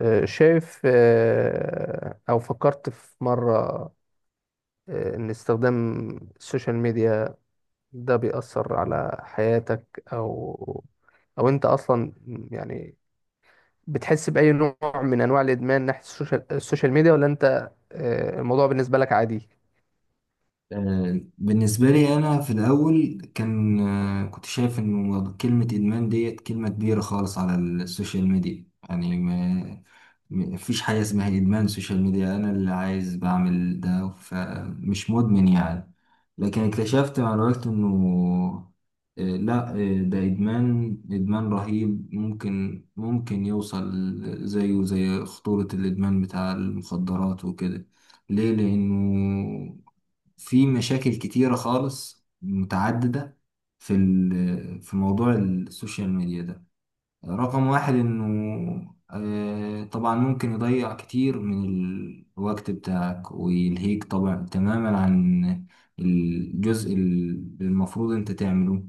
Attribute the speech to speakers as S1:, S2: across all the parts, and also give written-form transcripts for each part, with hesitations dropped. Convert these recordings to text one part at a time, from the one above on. S1: شايف، أو فكرت في مرة إن استخدام السوشيال ميديا ده بيأثر على حياتك، أو أنت أصلا، يعني، بتحس بأي نوع من أنواع الإدمان ناحية السوشيال ميديا، ولا أنت، الموضوع بالنسبة لك عادي؟
S2: بالنسبة لي أنا في الأول كان كنت شايف إنه كلمة إدمان ديت كلمة كبيرة خالص على السوشيال ميديا. يعني ما فيش حاجة اسمها إدمان سوشيال ميديا. أنا اللي عايز بعمل ده فمش مدمن يعني. لكن اكتشفت مع الوقت إنه، لا، ده إدمان، إدمان رهيب، ممكن يوصل زيه زي خطورة الإدمان بتاع المخدرات وكده. ليه؟ لأنه في مشاكل كتيرة خالص متعددة في في موضوع السوشيال ميديا ده. رقم واحد إنه طبعا ممكن يضيع كتير من الوقت بتاعك ويلهيك طبعا تماما عن الجزء اللي المفروض انت تعمله،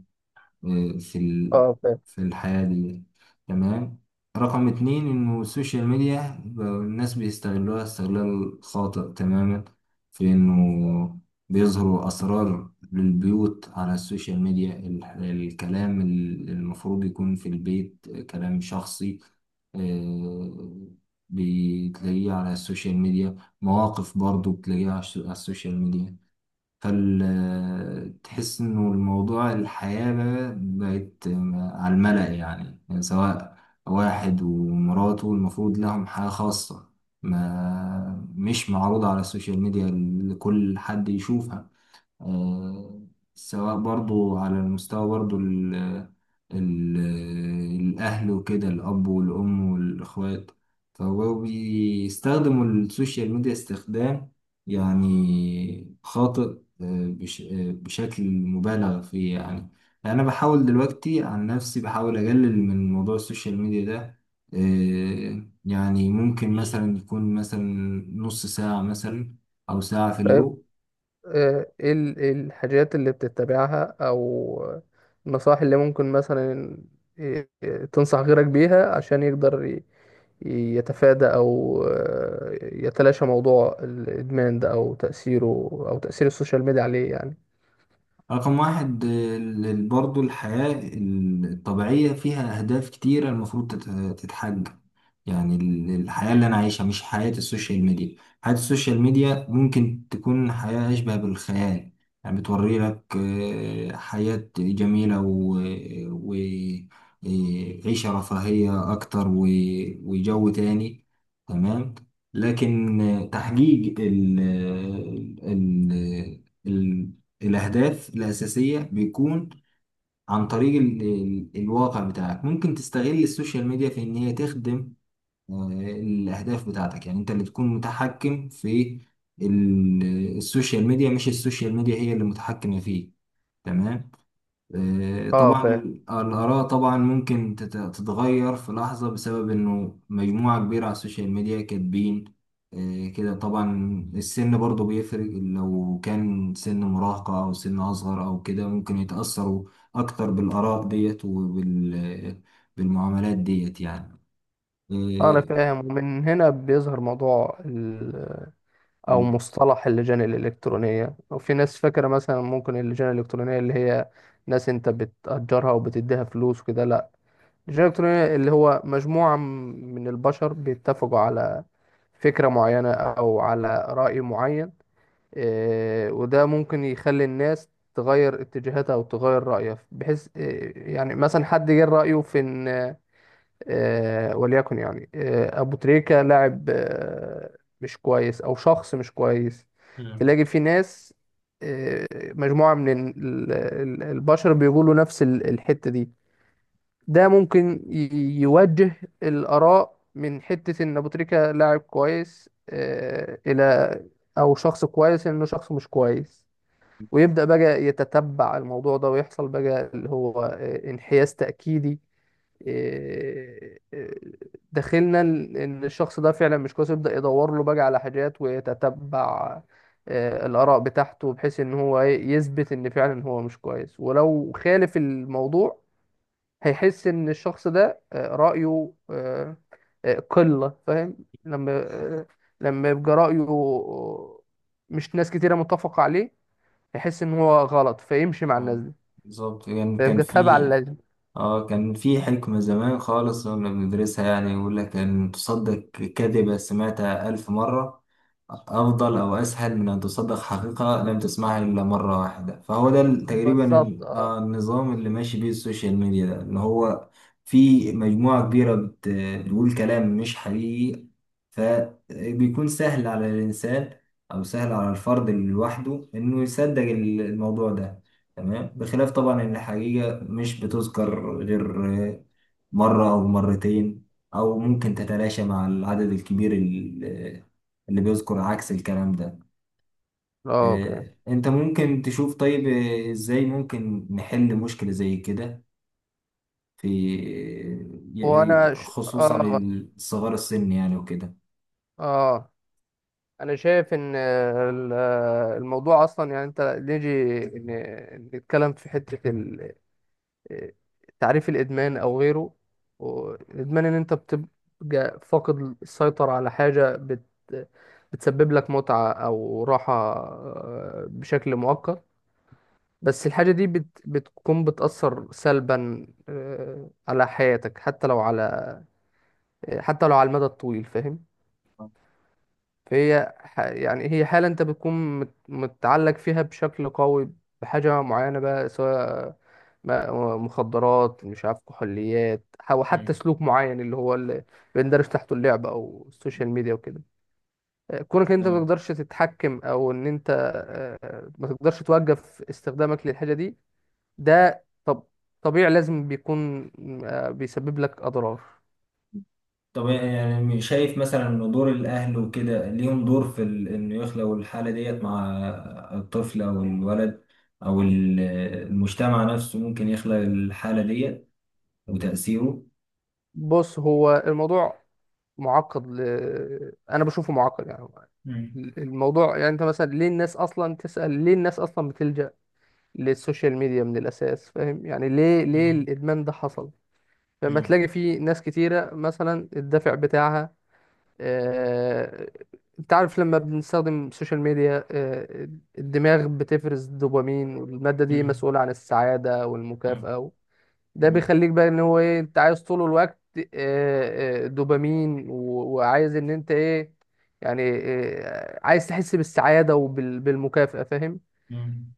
S2: آه، في ال...
S1: اه، فاهم.
S2: في الحياة دي. تمام. رقم اتنين إنه السوشيال ميديا بقى الناس بيستغلوها استغلال خاطئ تماما، في إنه بيظهروا أسرار للبيوت على السوشيال ميديا. الكلام المفروض يكون في البيت كلام شخصي، آه، بتلاقيه على السوشيال ميديا. مواقف برضو بتلاقيها على على السوشيال ميديا. فتحس انه الموضوع، الحياة بقى بقت على الملأ. يعني، سواء واحد ومراته المفروض لهم حياة خاصة، ما مش معروضة على السوشيال ميديا لكل حد يشوفها. آه، سواء برضو على المستوى، برضو ال ال الأهل وكده، الأب والأم والإخوات، فهو بيستخدموا السوشيال ميديا استخدام يعني خاطئ، آه، بش آه، بشكل مبالغ فيه يعني. أنا بحاول دلوقتي عن نفسي بحاول أقلل من موضوع السوشيال ميديا ده. يعني ممكن مثلا يكون مثلا نص ساعة مثلا، أو ساعة في
S1: طيب،
S2: اليوم.
S1: ايه إيه الحاجات اللي بتتبعها، او النصائح اللي ممكن مثلا آه، تنصح غيرك بيها، عشان يقدر يتفادى أو يتلاشى موضوع الإدمان ده أو تأثيره، أو تأثير السوشيال ميديا عليه، يعني.
S2: رقم واحد، برضو الحياة الطبيعية فيها أهداف كتيرة المفروض تتحقق. يعني الحياة اللي أنا عايشها مش حياة السوشيال ميديا. حياة السوشيال ميديا ممكن تكون حياة أشبه بالخيال. يعني بتوري لك حياة جميلة و- آه، عيشة رفاهية أكتر وجو تاني. تمام. لكن تحقيق ال- الأهداف الأساسية بيكون عن طريق ال ال الواقع بتاعك. ممكن تستغل السوشيال ميديا في إن هي تخدم آه، الأهداف بتاعتك. يعني أنت اللي تكون متحكم في السوشيال ميديا، مش السوشيال ميديا هي اللي متحكمة فيه. تمام.
S1: اه،
S2: طبعا
S1: فاهم.
S2: الآراء طبعا ممكن تتغير في لحظة، بسبب إنه مجموعة كبيرة على السوشيال ميديا كاتبين كده طبعا. السن برضو بيفرق، لو كان سن مراهقة أو سن أصغر أو كده ممكن يتأثروا أكتر بالآراء ديت وبالمعاملات ديت يعني.
S1: أنا
S2: آه،
S1: فاهم، ومن هنا بيظهر موضوع أو
S2: مم.
S1: مصطلح اللجان الإلكترونية. وفي ناس فاكرة مثلا ممكن اللجان الإلكترونية اللي هي ناس أنت بتأجرها وبتديها فلوس وكده، لأ. اللجان الإلكترونية اللي هو مجموعة من البشر بيتفقوا على فكرة معينة أو على رأي معين. وده ممكن يخلي الناس تغير اتجاهاتها او تغير رأيها، بحيث يعني مثلا حد جه رأيه في ان وليكن، يعني، ابو تريكة لاعب مش كويس، او شخص مش كويس. تلاقي في ناس، مجموعة من البشر بيقولوا نفس الحتة دي. ده ممكن يوجه الآراء من حتة ان ابو تريكة لاعب كويس، الى او شخص كويس، انه شخص مش كويس. ويبدأ بقى يتتبع الموضوع ده، ويحصل بقى اللي هو انحياز تأكيدي. آه، آه، داخلنا ان الشخص ده فعلا مش كويس، يبدأ يدور له بقى على حاجات ويتتبع الآراء بتاعته، بحيث ان هو يثبت ان فعلا هو مش كويس. ولو خالف الموضوع، هيحس ان الشخص ده رأيه قلة فاهم. لما آه، لما يبقى رأيه مش ناس كتيرة متفقة عليه، يحس ان هو غلط، فيمشي مع الناس
S2: اه،
S1: دي.
S2: بالظبط. يعني كان
S1: فيبقى تابع
S2: في،
S1: لل
S2: اه كان في حكمة زمان خالص كنا بندرسها، يعني يقول لك ان تصدق كذبة سمعتها ألف مرة أفضل أو أسهل من أن تصدق حقيقة لم تسمعها إلا مرة واحدة. فهو ده تقريبا
S1: بالظبط، اه.
S2: النظام اللي ماشي بيه السوشيال ميديا ده، اللي هو في مجموعة كبيرة بتقول كلام مش حقيقي. فبيكون سهل على الإنسان أو سهل على الفرد لوحده إنه يصدق الموضوع ده. تمام، بخلاف طبعا إن الحقيقة مش بتذكر غير مرة أو مرتين، أو ممكن تتلاشى مع العدد الكبير اللي بيذكر عكس الكلام ده.
S1: اه، اوكي.
S2: أنت ممكن تشوف. طيب إزاي ممكن نحل مشكلة زي كده في
S1: وانا ش...
S2: خصوصا
S1: اه،
S2: الصغار السن يعني وكده.
S1: اه، انا شايف ان الموضوع اصلا، يعني انت نيجي نتكلم في حتة تعريف الادمان او غيره. الادمان ان انت بتبقى فاقد السيطرة على حاجة بتسبب لك متعة او راحة، بشكل مؤقت. بس الحاجة دي بتكون بتأثر سلبا، على حياتك، حتى لو على المدى الطويل، فاهم. يعني هي حالة انت بتكون متعلق فيها بشكل قوي بحاجة معينة بقى، سواء مخدرات، مش عارف، كحوليات، أو حتى سلوك معين، اللي هو اللي بندرج تحته اللعب أو السوشيال ميديا وكده. كونك انت ما
S2: مم.
S1: تقدرش تتحكم، او ان انت ما تقدرش توقف استخدامك للحاجة دي، ده طبيعي لازم بيكون بيسبب لك اضرار.
S2: طب يعني شايف مثلا ان دور الاهل وكده ليهم دور في انه يخلقوا الحاله ديت مع الطفل او الولد، او المجتمع نفسه ممكن يخلق الحاله ديت وتاثيره.
S1: بص، هو الموضوع معقد، انا بشوفه معقد، يعني.
S2: مم.
S1: الموضوع يعني انت مثلا، ليه الناس اصلا تسأل، ليه الناس اصلا بتلجأ للسوشيال ميديا من الاساس، فاهم. يعني ليه
S2: مم.
S1: الادمان ده حصل؟ فما
S2: مم.
S1: تلاقي في ناس كتيرة مثلا الدافع بتاعها. آه، انت عارف لما بنستخدم السوشيال ميديا، الدماغ بتفرز الدوبامين، والمادة دي
S2: مم.
S1: مسؤولة عن السعادة
S2: مم.
S1: والمكافأة. ده
S2: مم.
S1: بيخليك بقى ان هو ايه، انت عايز طول الوقت دوبامين، وعايز ان انت ايه، يعني، عايز تحس بالسعادة وبالمكافأة، فاهم.
S2: مم.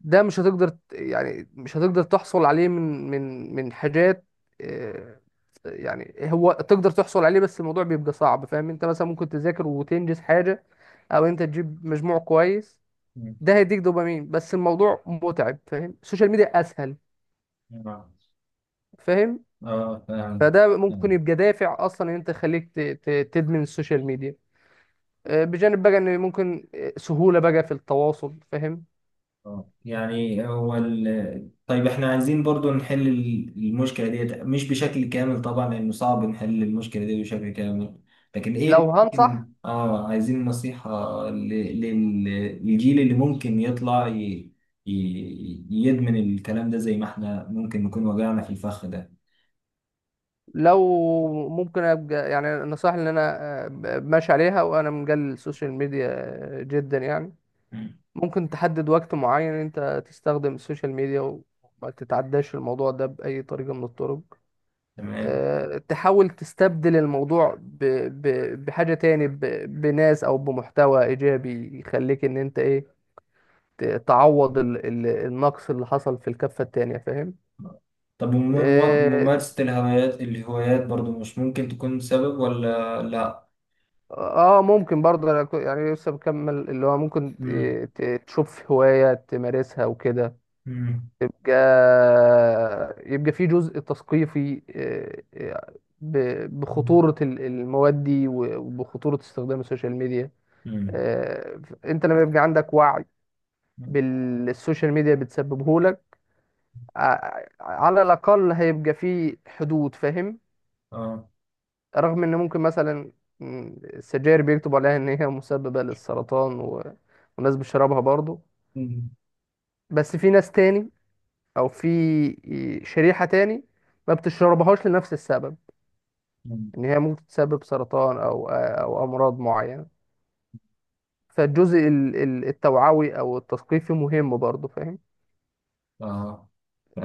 S1: ده مش هتقدر يعني مش هتقدر تحصل عليه من حاجات. آه، يعني هو تقدر تحصل عليه، بس الموضوع بيبقى صعب، فاهم. انت مثلا ممكن تذاكر وتنجز حاجة، او انت تجيب مجموع كويس،
S2: مم.
S1: ده هيديك دوبامين، بس الموضوع متعب، فاهم. السوشيال ميديا اسهل، فاهم.
S2: اه، فعلا.
S1: فده ممكن يبقى دافع اصلا، ان انت خليك تدمن السوشيال ميديا، بجانب بقى ان ممكن سهولة بقى في التواصل، فاهم.
S2: يعني هو طيب احنا عايزين برضو نحل المشكلة ديت، مش بشكل كامل طبعا، لأنه صعب نحل المشكلة دي بشكل كامل. لكن ايه
S1: لو
S2: اللي ممكن،
S1: هنصح
S2: عايزين نصيحة للجيل اللي ممكن يطلع ي... يدمن الكلام ده، زي ما احنا ممكن نكون وجعنا في الفخ ده.
S1: لو ممكن ابقى، يعني، النصائح اللي انا ماشي عليها وانا مجال السوشيال ميديا جدا، يعني:
S2: مم.
S1: ممكن تحدد وقت معين انت تستخدم السوشيال ميديا، وما تتعداش الموضوع ده باي طريقة من الطرق.
S2: تمام.
S1: تحاول تستبدل الموضوع بحاجة تاني، بناس او بمحتوى ايجابي يخليك ان انت ايه تعوض النقص اللي حصل في الكفة التانية، فاهم.
S2: طب
S1: آه،
S2: ممارسة الهوايات برضو، مش ممكن تكون سبب ولا لا؟
S1: اه، ممكن برضه، أنا يعني لسه بكمل، اللي هو ممكن
S2: مم.
S1: تشوف هواية تمارسها وكده.
S2: مم.
S1: يبقى في جزء تثقيفي، آه، بخطورة المواد دي، وبخطورة استخدام السوشيال ميديا.
S2: مم.
S1: انت لما يبقى عندك وعي
S2: مم.
S1: بالسوشيال ميديا بتسببه لك، على الأقل هيبقى في حدود، فاهم.
S2: اه.
S1: رغم ان ممكن مثلا، السجاير بيكتبوا عليها ان هي مسببة للسرطان، وناس بتشربها برضو.
S2: مم.
S1: بس في ناس تاني، او في شريحة تاني، ما بتشربهاش لنفس السبب،
S2: مم.
S1: ان هي ممكن تسبب سرطان او امراض معينة. فالجزء التوعوي او التثقيفي مهم برضو، فاهم.
S2: اه،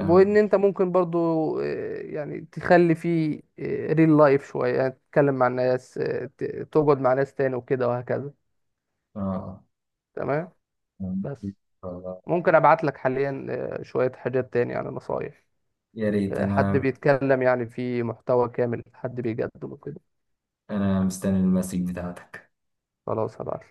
S1: وان انت ممكن برضو يعني تخلي فيه ريل لايف شوية، يعني تتكلم مع الناس، تقعد مع ناس تاني وكده وهكذا.
S2: اه،
S1: تمام.
S2: فاهمك.
S1: بس
S2: والله،
S1: ممكن ابعت لك حاليا شوية حاجات تاني، يعني نصايح،
S2: يا ريت.
S1: حد
S2: انا
S1: بيتكلم يعني في محتوى كامل، حد بيقدمه كده.
S2: انا مستني المسج بتاعتك.
S1: خلاص، هبعت.